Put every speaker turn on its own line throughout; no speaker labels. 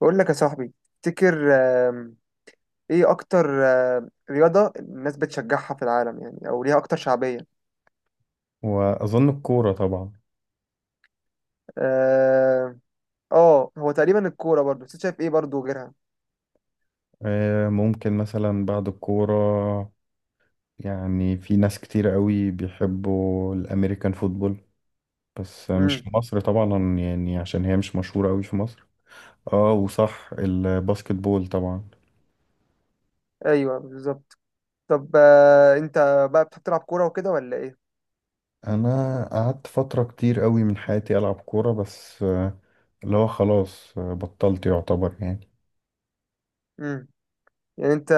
بقول لك يا صاحبي، تفتكر، آم، ايه اكتر رياضة الناس بتشجعها في العالم يعني، او ليها اكتر شعبية؟
وأظن الكورة طبعا،
اه. هو تقريبا الكورة برضو، بس أنت شايف ايه برضو غيرها؟
ممكن مثلا بعد الكورة، يعني في ناس كتير قوي بيحبوا الأمريكان فوتبول، بس مش
امم.
في مصر طبعا يعني عشان هي مش مشهورة قوي في مصر. اه وصح الباسكت بول طبعا.
ايوه، بالظبط. طب، انت بقى بتحب تلعب كورة وكده ولا ايه؟
أنا قعدت فترة كتير قوي من حياتي ألعب كورة، بس اللي هو خلاص بطلت يعتبر يعني.
امم. يعني انت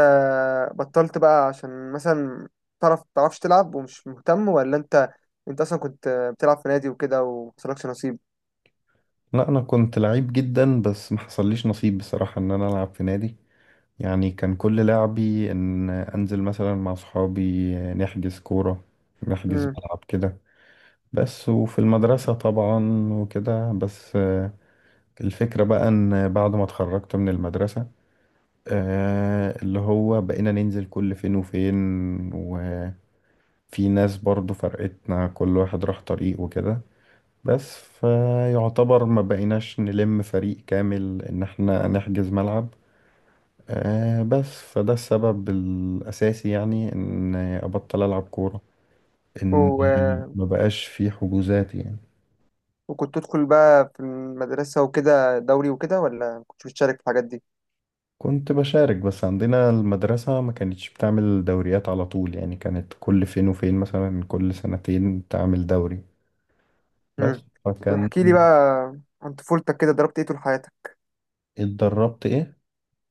بطلت بقى عشان مثلا تعرفش تلعب ومش مهتم، ولا انت اصلا كنت بتلعب في نادي وكده ومحصلكش نصيب؟
لا أنا كنت لعيب جدا، بس ما حصليش نصيب بصراحة إن أنا ألعب في نادي، يعني كان كل لعبي ان انزل مثلا مع صحابي نحجز كورة، نحجز ملعب كده بس، وفي المدرسة طبعا وكده بس. الفكرة بقى ان بعد ما اتخرجت من المدرسة اللي هو بقينا ننزل كل فين وفين، وفي ناس برضو فرقتنا كل واحد راح طريق وكده، بس فيعتبر ما بقيناش نلم فريق كامل ان احنا نحجز ملعب. بس فده السبب الأساسي، يعني إن أبطل ألعب كورة، إن
امم.
ما بقاش في حجوزات يعني.
وكنت تدخل بقى في المدرسة وكده دوري وكده، ولا ما كنتش بتشارك في الحاجات دي؟
كنت بشارك، بس عندنا المدرسة ما كانتش بتعمل دوريات على طول، يعني كانت كل فين وفين مثلا كل سنتين تعمل دوري
امم.
بس.
طب
فكان...
احكي لي بقى عن طفولتك كده، ضربت ايه طول حياتك؟
اتدربت إيه؟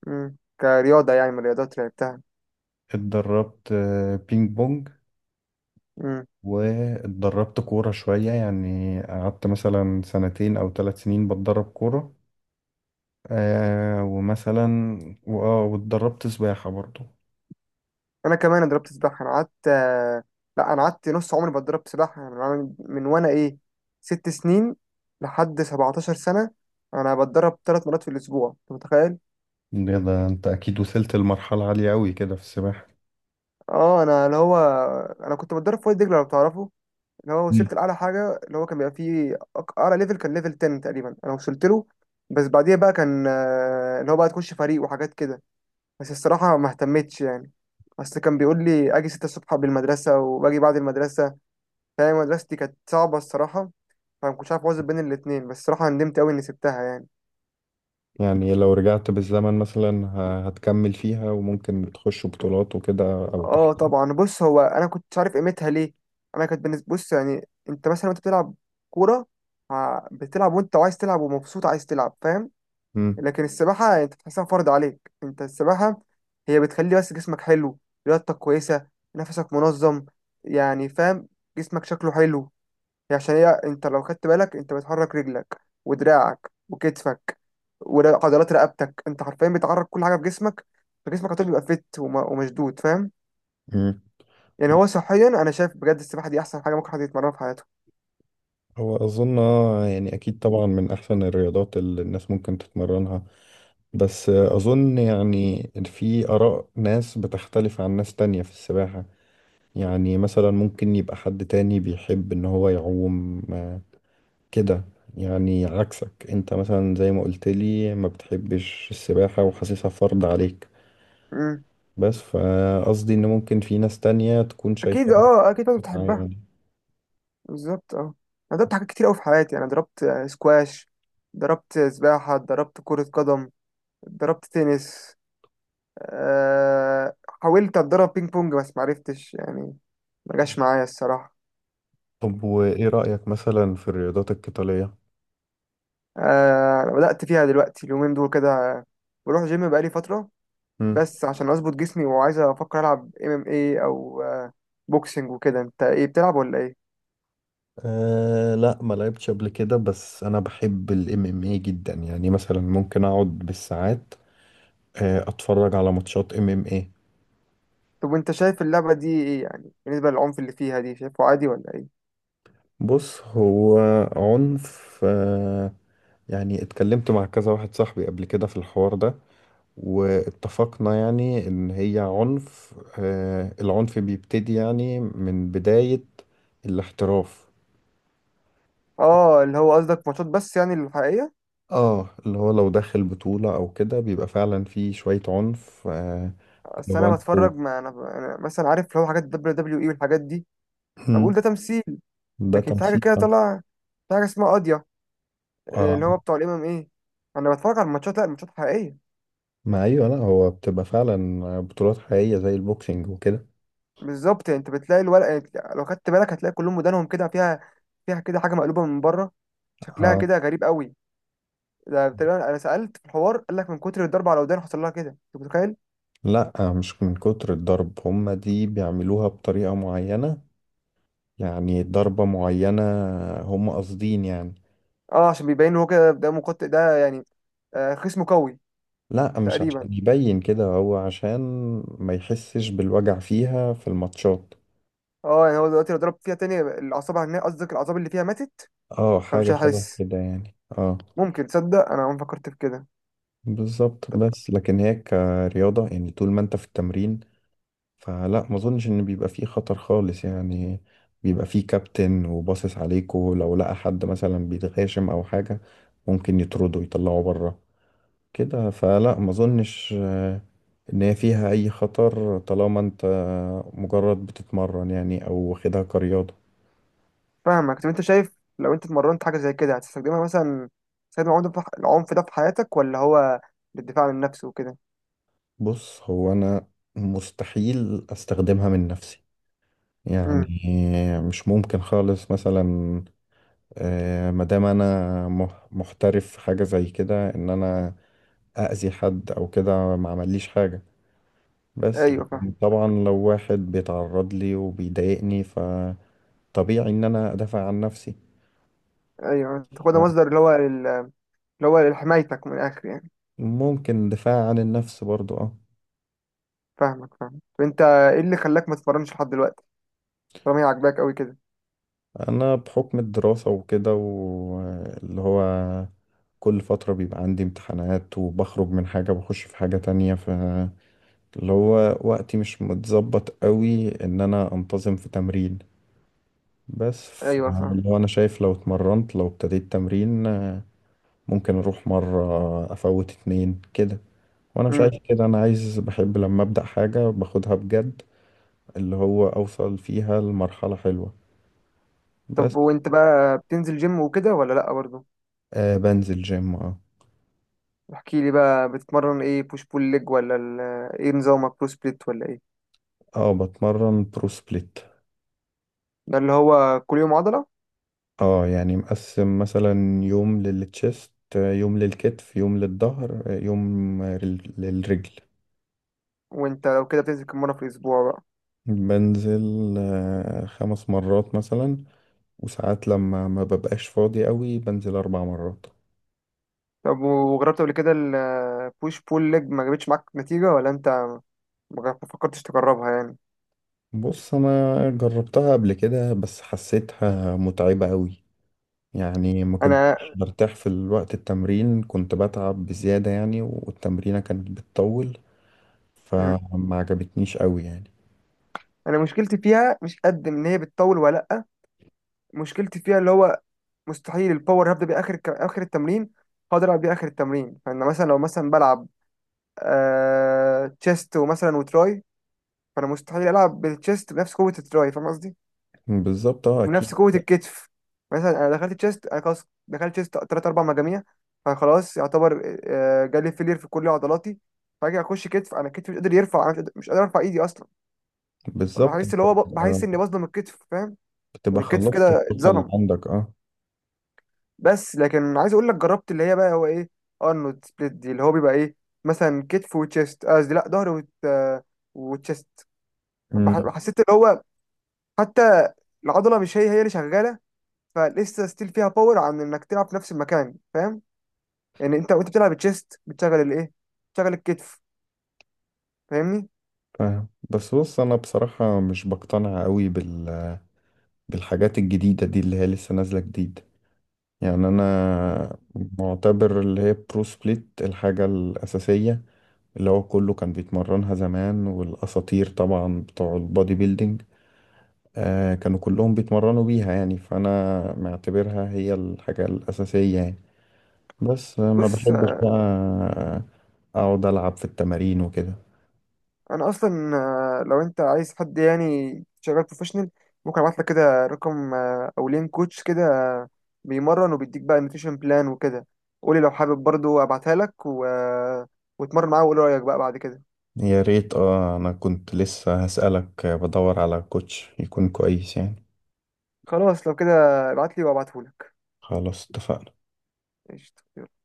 كرياضة يعني، من الرياضات اللي لعبتها.
اتدربت بينج بونج،
امم
واتدربت كورة شوية، يعني قعدت مثلا سنتين أو 3 سنين بتدرب كورة. آه ومثلا، واتدربت سباحة برضو.
انا كمان ضربت سباحة. انا قعدت، لا، انا قعدت نص عمري بتدرب سباحة. يعني من وانا 6 سنين لحد 17 سنة. انا بتدرب 3 مرات في الاسبوع، انت متخيل؟
ده انت اكيد وصلت لمرحلة عالية قوي كده في السباحة.
اه، انا اللي هو انا كنت بتدرب في وادي دجلة لو تعرفه. اللي هو
مم.
وصلت لأعلى حاجة، اللي هو كان بيبقى فيه أعلى ليفل. كان ليفل 10 تقريبا أنا وصلت له. بس بعديها بقى كان، اللي هو بقى تخش فريق وحاجات كده، بس الصراحة ما اهتمتش يعني. أصل كان بيقول لي أجي 6 الصبح قبل المدرسة، وباجي بعد المدرسة. فاهم، مدرستي كانت صعبة الصراحة، فما كنتش عارف أوازن بين الاتنين. بس الصراحة ندمت أوي إني سبتها يعني.
يعني لو رجعت بالزمن مثلا، هتكمل فيها وممكن تخش بطولات وكده او تحت؟
أه طبعا. بص، هو أنا كنتش عارف قيمتها ليه. أنا كانت بالنسبة، بص يعني، أنت مثلا وأنت بتلعب كورة، بتلعب وأنت عايز تلعب، ومبسوط عايز تلعب، فاهم؟
مم.
لكن السباحة انت بتحسها فرض عليك. انت السباحة هي بتخلي بس جسمك حلو، رياضتك كويسة، نفسك منظم، يعني فاهم، جسمك شكله حلو. هي عشان هي، انت لو خدت بالك انت بتحرك رجلك ودراعك وكتفك وعضلات رقبتك. انت حرفيا بتحرك كل حاجة في جسمك. فجسمك هتبقى بيبقى فت ومشدود، فاهم؟
مم.
يعني هو صحيا انا شايف بجد السباحة دي احسن حاجة ممكن حد يتمرنها في حياته.
هو اظن يعني اكيد طبعا من احسن الرياضات اللي الناس ممكن تتمرنها، بس اظن يعني في اراء ناس بتختلف عن ناس تانية في السباحة. يعني مثلا ممكن يبقى حد تاني بيحب ان هو يعوم كده، يعني عكسك انت مثلا زي ما قلت لي ما بتحبش السباحة وحاسسها فرض عليك،
امم.
بس فقصدي ان ممكن في ناس تانية تكون
اكيد،
شايفاها
اه اكيد، انت
متعة
بتحبها.
يعني.
بالظبط، اه. انا ضربت حاجات كتير قوي في حياتي. انا ضربت، سكواش، ضربت سباحة، ضربت كرة قدم، ضربت تنس. أه. حاولت اتدرب بينج بونج بس معرفتش يعني، ما جاش معايا الصراحة.
طب وايه رأيك مثلا في الرياضات القتالية؟
أه بدأت فيها دلوقتي، اليومين دول كده بروح جيم بقالي فترة.
مم.
بس عشان اظبط جسمي، وعايز افكر العب MMA او بوكسنج وكده. انت ايه بتلعب ولا ايه؟
آه لا، ما لعبتش قبل كده، بس انا بحب الام ام اي جدا، يعني مثلا ممكن اقعد بالساعات آه اتفرج على ماتشات ام ام اي.
طب وانت شايف اللعبة دي ايه يعني بالنسبة للعنف اللي فيها دي، شايفه عادي ولا ايه؟
بص هو عنف يعني، اتكلمت مع كذا واحد صاحبي قبل كده في الحوار ده، واتفقنا يعني ان هي عنف، العنف بيبتدي يعني من بداية الاحتراف.
اه، اللي هو قصدك ماتشات بس يعني الحقيقية.
اه اللي هو لو داخل بطولة او كده بيبقى فعلا في شوية عنف
بس
اللي هو
انا
انتوا...
بتفرج، ما انا، أنا مثلا عارف لو حاجات WWE والحاجات دي، ما
مم.
بقول ده تمثيل.
ده
لكن في حاجه
تمثيل.
كده طلع، في حاجه اسمها قاضيه، اللي هو
اه
بتوع الام ام ايه. انا بتفرج على الماتشات، لا، الماتشات حقيقيه.
ما ايوه، لا هو بتبقى فعلا بطولات حقيقية زي البوكسينج وكده.
بالظبط، يعني انت بتلاقي الورق، يعني لو خدت بالك هتلاقي كلهم ودانهم كده فيها، فيها كده حاجه مقلوبه من بره، شكلها
آه
كده غريب قوي. ده تقريبا انا سالت في الحوار، قال لك من كتر الضرب على ودان حصل لها كده، انت متخيل؟
لا مش من كتر الضرب، هما دي بيعملوها بطريقة معينة، يعني ضربة معينة هم قاصدين يعني.
اه عشان بيبين هو كده، ده مقاتل ده يعني، خصمه قوي.
لا مش
تقريبا.
عشان يبين كده، هو عشان ما يحسش بالوجع فيها في الماتشات.
اه يعني هو دلوقتي لو ضرب فيها تاني، الاعصاب هناك قصدك، الاعصاب اللي فيها ماتت.
اه
فمش
حاجة شبه
هتحس.
كده يعني، اه.
ممكن تصدق انا عمري ما فكرت في كده.
بالظبط، بس لكن هي كرياضة، يعني طول ما انت في التمرين فلا ما اظنش ان بيبقى فيه خطر خالص يعني، بيبقى فيه كابتن وباصص عليكوا، لو لقى حد مثلا بيتغاشم او حاجة ممكن يطردوا يطلعوا بره كده، فلا ما اظنش ان هي فيها اي خطر طالما انت مجرد بتتمرن يعني او واخدها كرياضة.
فاهمك. طب انت شايف لو انت اتمرنت حاجه زي كده هتستخدمها مثلا؟ تستخدم العنف ده في العنف ده في حياتك، ولا هو للدفاع عن النفس وكده؟
بص هو انا مستحيل استخدمها من نفسي، يعني
امم.
مش ممكن خالص مثلا، مادام انا محترف في حاجة زي كده ان انا اذي حد او كده ما عمليش حاجة، بس
ايوه
لكن
فاهم.
طبعا لو واحد بيتعرض لي وبيضايقني فطبيعي ان انا ادافع عن نفسي.
ايوه تاخدها مصدر، اللي هو اللي هو لحمايتك من الاخر يعني.
ممكن دفاع عن النفس برضو، اه.
فاهمك، فاهم. طب انت ايه اللي خلاك ما تتمرنش لحد دلوقتي، طالما هي عاجباك قوي كده؟
انا بحكم الدراسة وكده واللي هو كل فترة بيبقى عندي امتحانات وبخرج من حاجة بخش في حاجة تانية، ف اللي هو وقتي مش متظبط قوي ان انا انتظم في تمرين، بس
ايوه فاهم.
اللي هو انا شايف لو اتمرنت لو ابتديت تمرين ممكن اروح مرة افوت اتنين كده، وانا مش عايز
امم.
كده، انا عايز بحب لما ابدأ حاجة باخدها بجد، اللي هو اوصل فيها لمرحلة حلوة
طب
بس.
وانت بقى بتنزل جيم وكده ولا لا برضه؟
آه بنزل جيم، اه.
احكي لي بقى، بتتمرن ايه، بوش بول ليج ولا ايه نظامك، برو سبليت ولا ايه؟
اه بتمرن برو سبليت.
ده اللي هو كل يوم عضلة.
اه يعني مقسم مثلا يوم للتشيست، يوم للكتف، يوم للظهر، يوم، للرجل.
وانت لو كده بتنزل كم مرة في الأسبوع بقى؟
بنزل آه 5 مرات مثلا، وساعات لما ما ببقاش فاضي قوي بنزل 4 مرات.
طب وجربت قبل كده البوش بول ليج، ما جابتش معاك نتيجة، ولا انت ما فكرتش تجربها يعني؟
بص انا جربتها قبل كده بس حسيتها متعبة قوي، يعني ما
انا
كنتش برتاح في الوقت التمرين، كنت بتعب بزيادة يعني، والتمرينة كانت بتطول،
مم.
فما عجبتنيش قوي يعني.
انا مشكلتي فيها مش قد ان هي بتطول ولا لأ. مشكلتي فيها اللي هو مستحيل الباور هبدأ بيه آخر التمرين هقدر ألعب بيه آخر التمرين. فأنا مثلا، لو مثلا بلعب تشيست ومثلا وتراي، فأنا مستحيل ألعب بالتشيست بنفس قوة التراي، فاهم قصدي؟
بالظبط اه اكيد.
ونفس قوة الكتف. مثلا أنا دخلت تشيست، أنا خلاص دخلت تشيست تلات أربع مجاميع، فخلاص يعتبر جالي فيلير في كل عضلاتي. فأجي أخش كتف أنا كتفي مش قادر يرفع، أنا مش قادر أرفع إيدي أصلا.
بالظبط،
فبحس
انت
اللي هو بحس
بتبقى
إني بظلم الكتف، فاهم؟
بتبقى
يعني الكتف
خلصت
كده
الطاقة اللي
اتظلم.
عندك، اه.
بس لكن عايز أقول لك جربت اللي هي بقى هو إيه، أرنولد سبليت دي، اللي هو بيبقى إيه، مثلا كتف وتشيست، قصدي لأ، ظهر وتشيست.
أمم،
حسيت اللي هو حتى العضلة مش هي هي اللي شغالة. فلسه ستيل فيها باور عن انك تلعب في نفس المكان، فاهم؟ يعني انت وانت بتلعب تشيست بتشغل الايه، بتشغل الكتف، فاهمني؟
فاهم. بس بص انا بصراحة مش بقتنع قوي بالحاجات الجديدة دي اللي هي لسه نازلة جديد. يعني انا معتبر اللي هي برو سبليت الحاجة الأساسية، اللي هو كله كان بيتمرنها زمان، والأساطير طبعا بتوع البودي بيلدينج كانوا كلهم بيتمرنوا بيها، يعني فأنا معتبرها هي الحاجة الأساسية يعني، بس ما
بص،
بحبش بقى اقعد العب في التمارين وكده.
انا اصلا آه، لو انت عايز حد يعني شغال بروفيشنال، ممكن ابعت لك كده رقم، او لين كوتش كده، بيمرن وبيديك بقى نوتريشن بلان وكده. قولي لو حابب برضو ابعتها لك، و... آه، واتمرن معاه وقول رايك بقى بعد كده.
يا ريت اه، انا كنت لسه هسألك بدور على كوتش يكون كويس يعني.
خلاص لو كده، ابعت لي وابعته لك.
خلاص اتفقنا.
قشطة.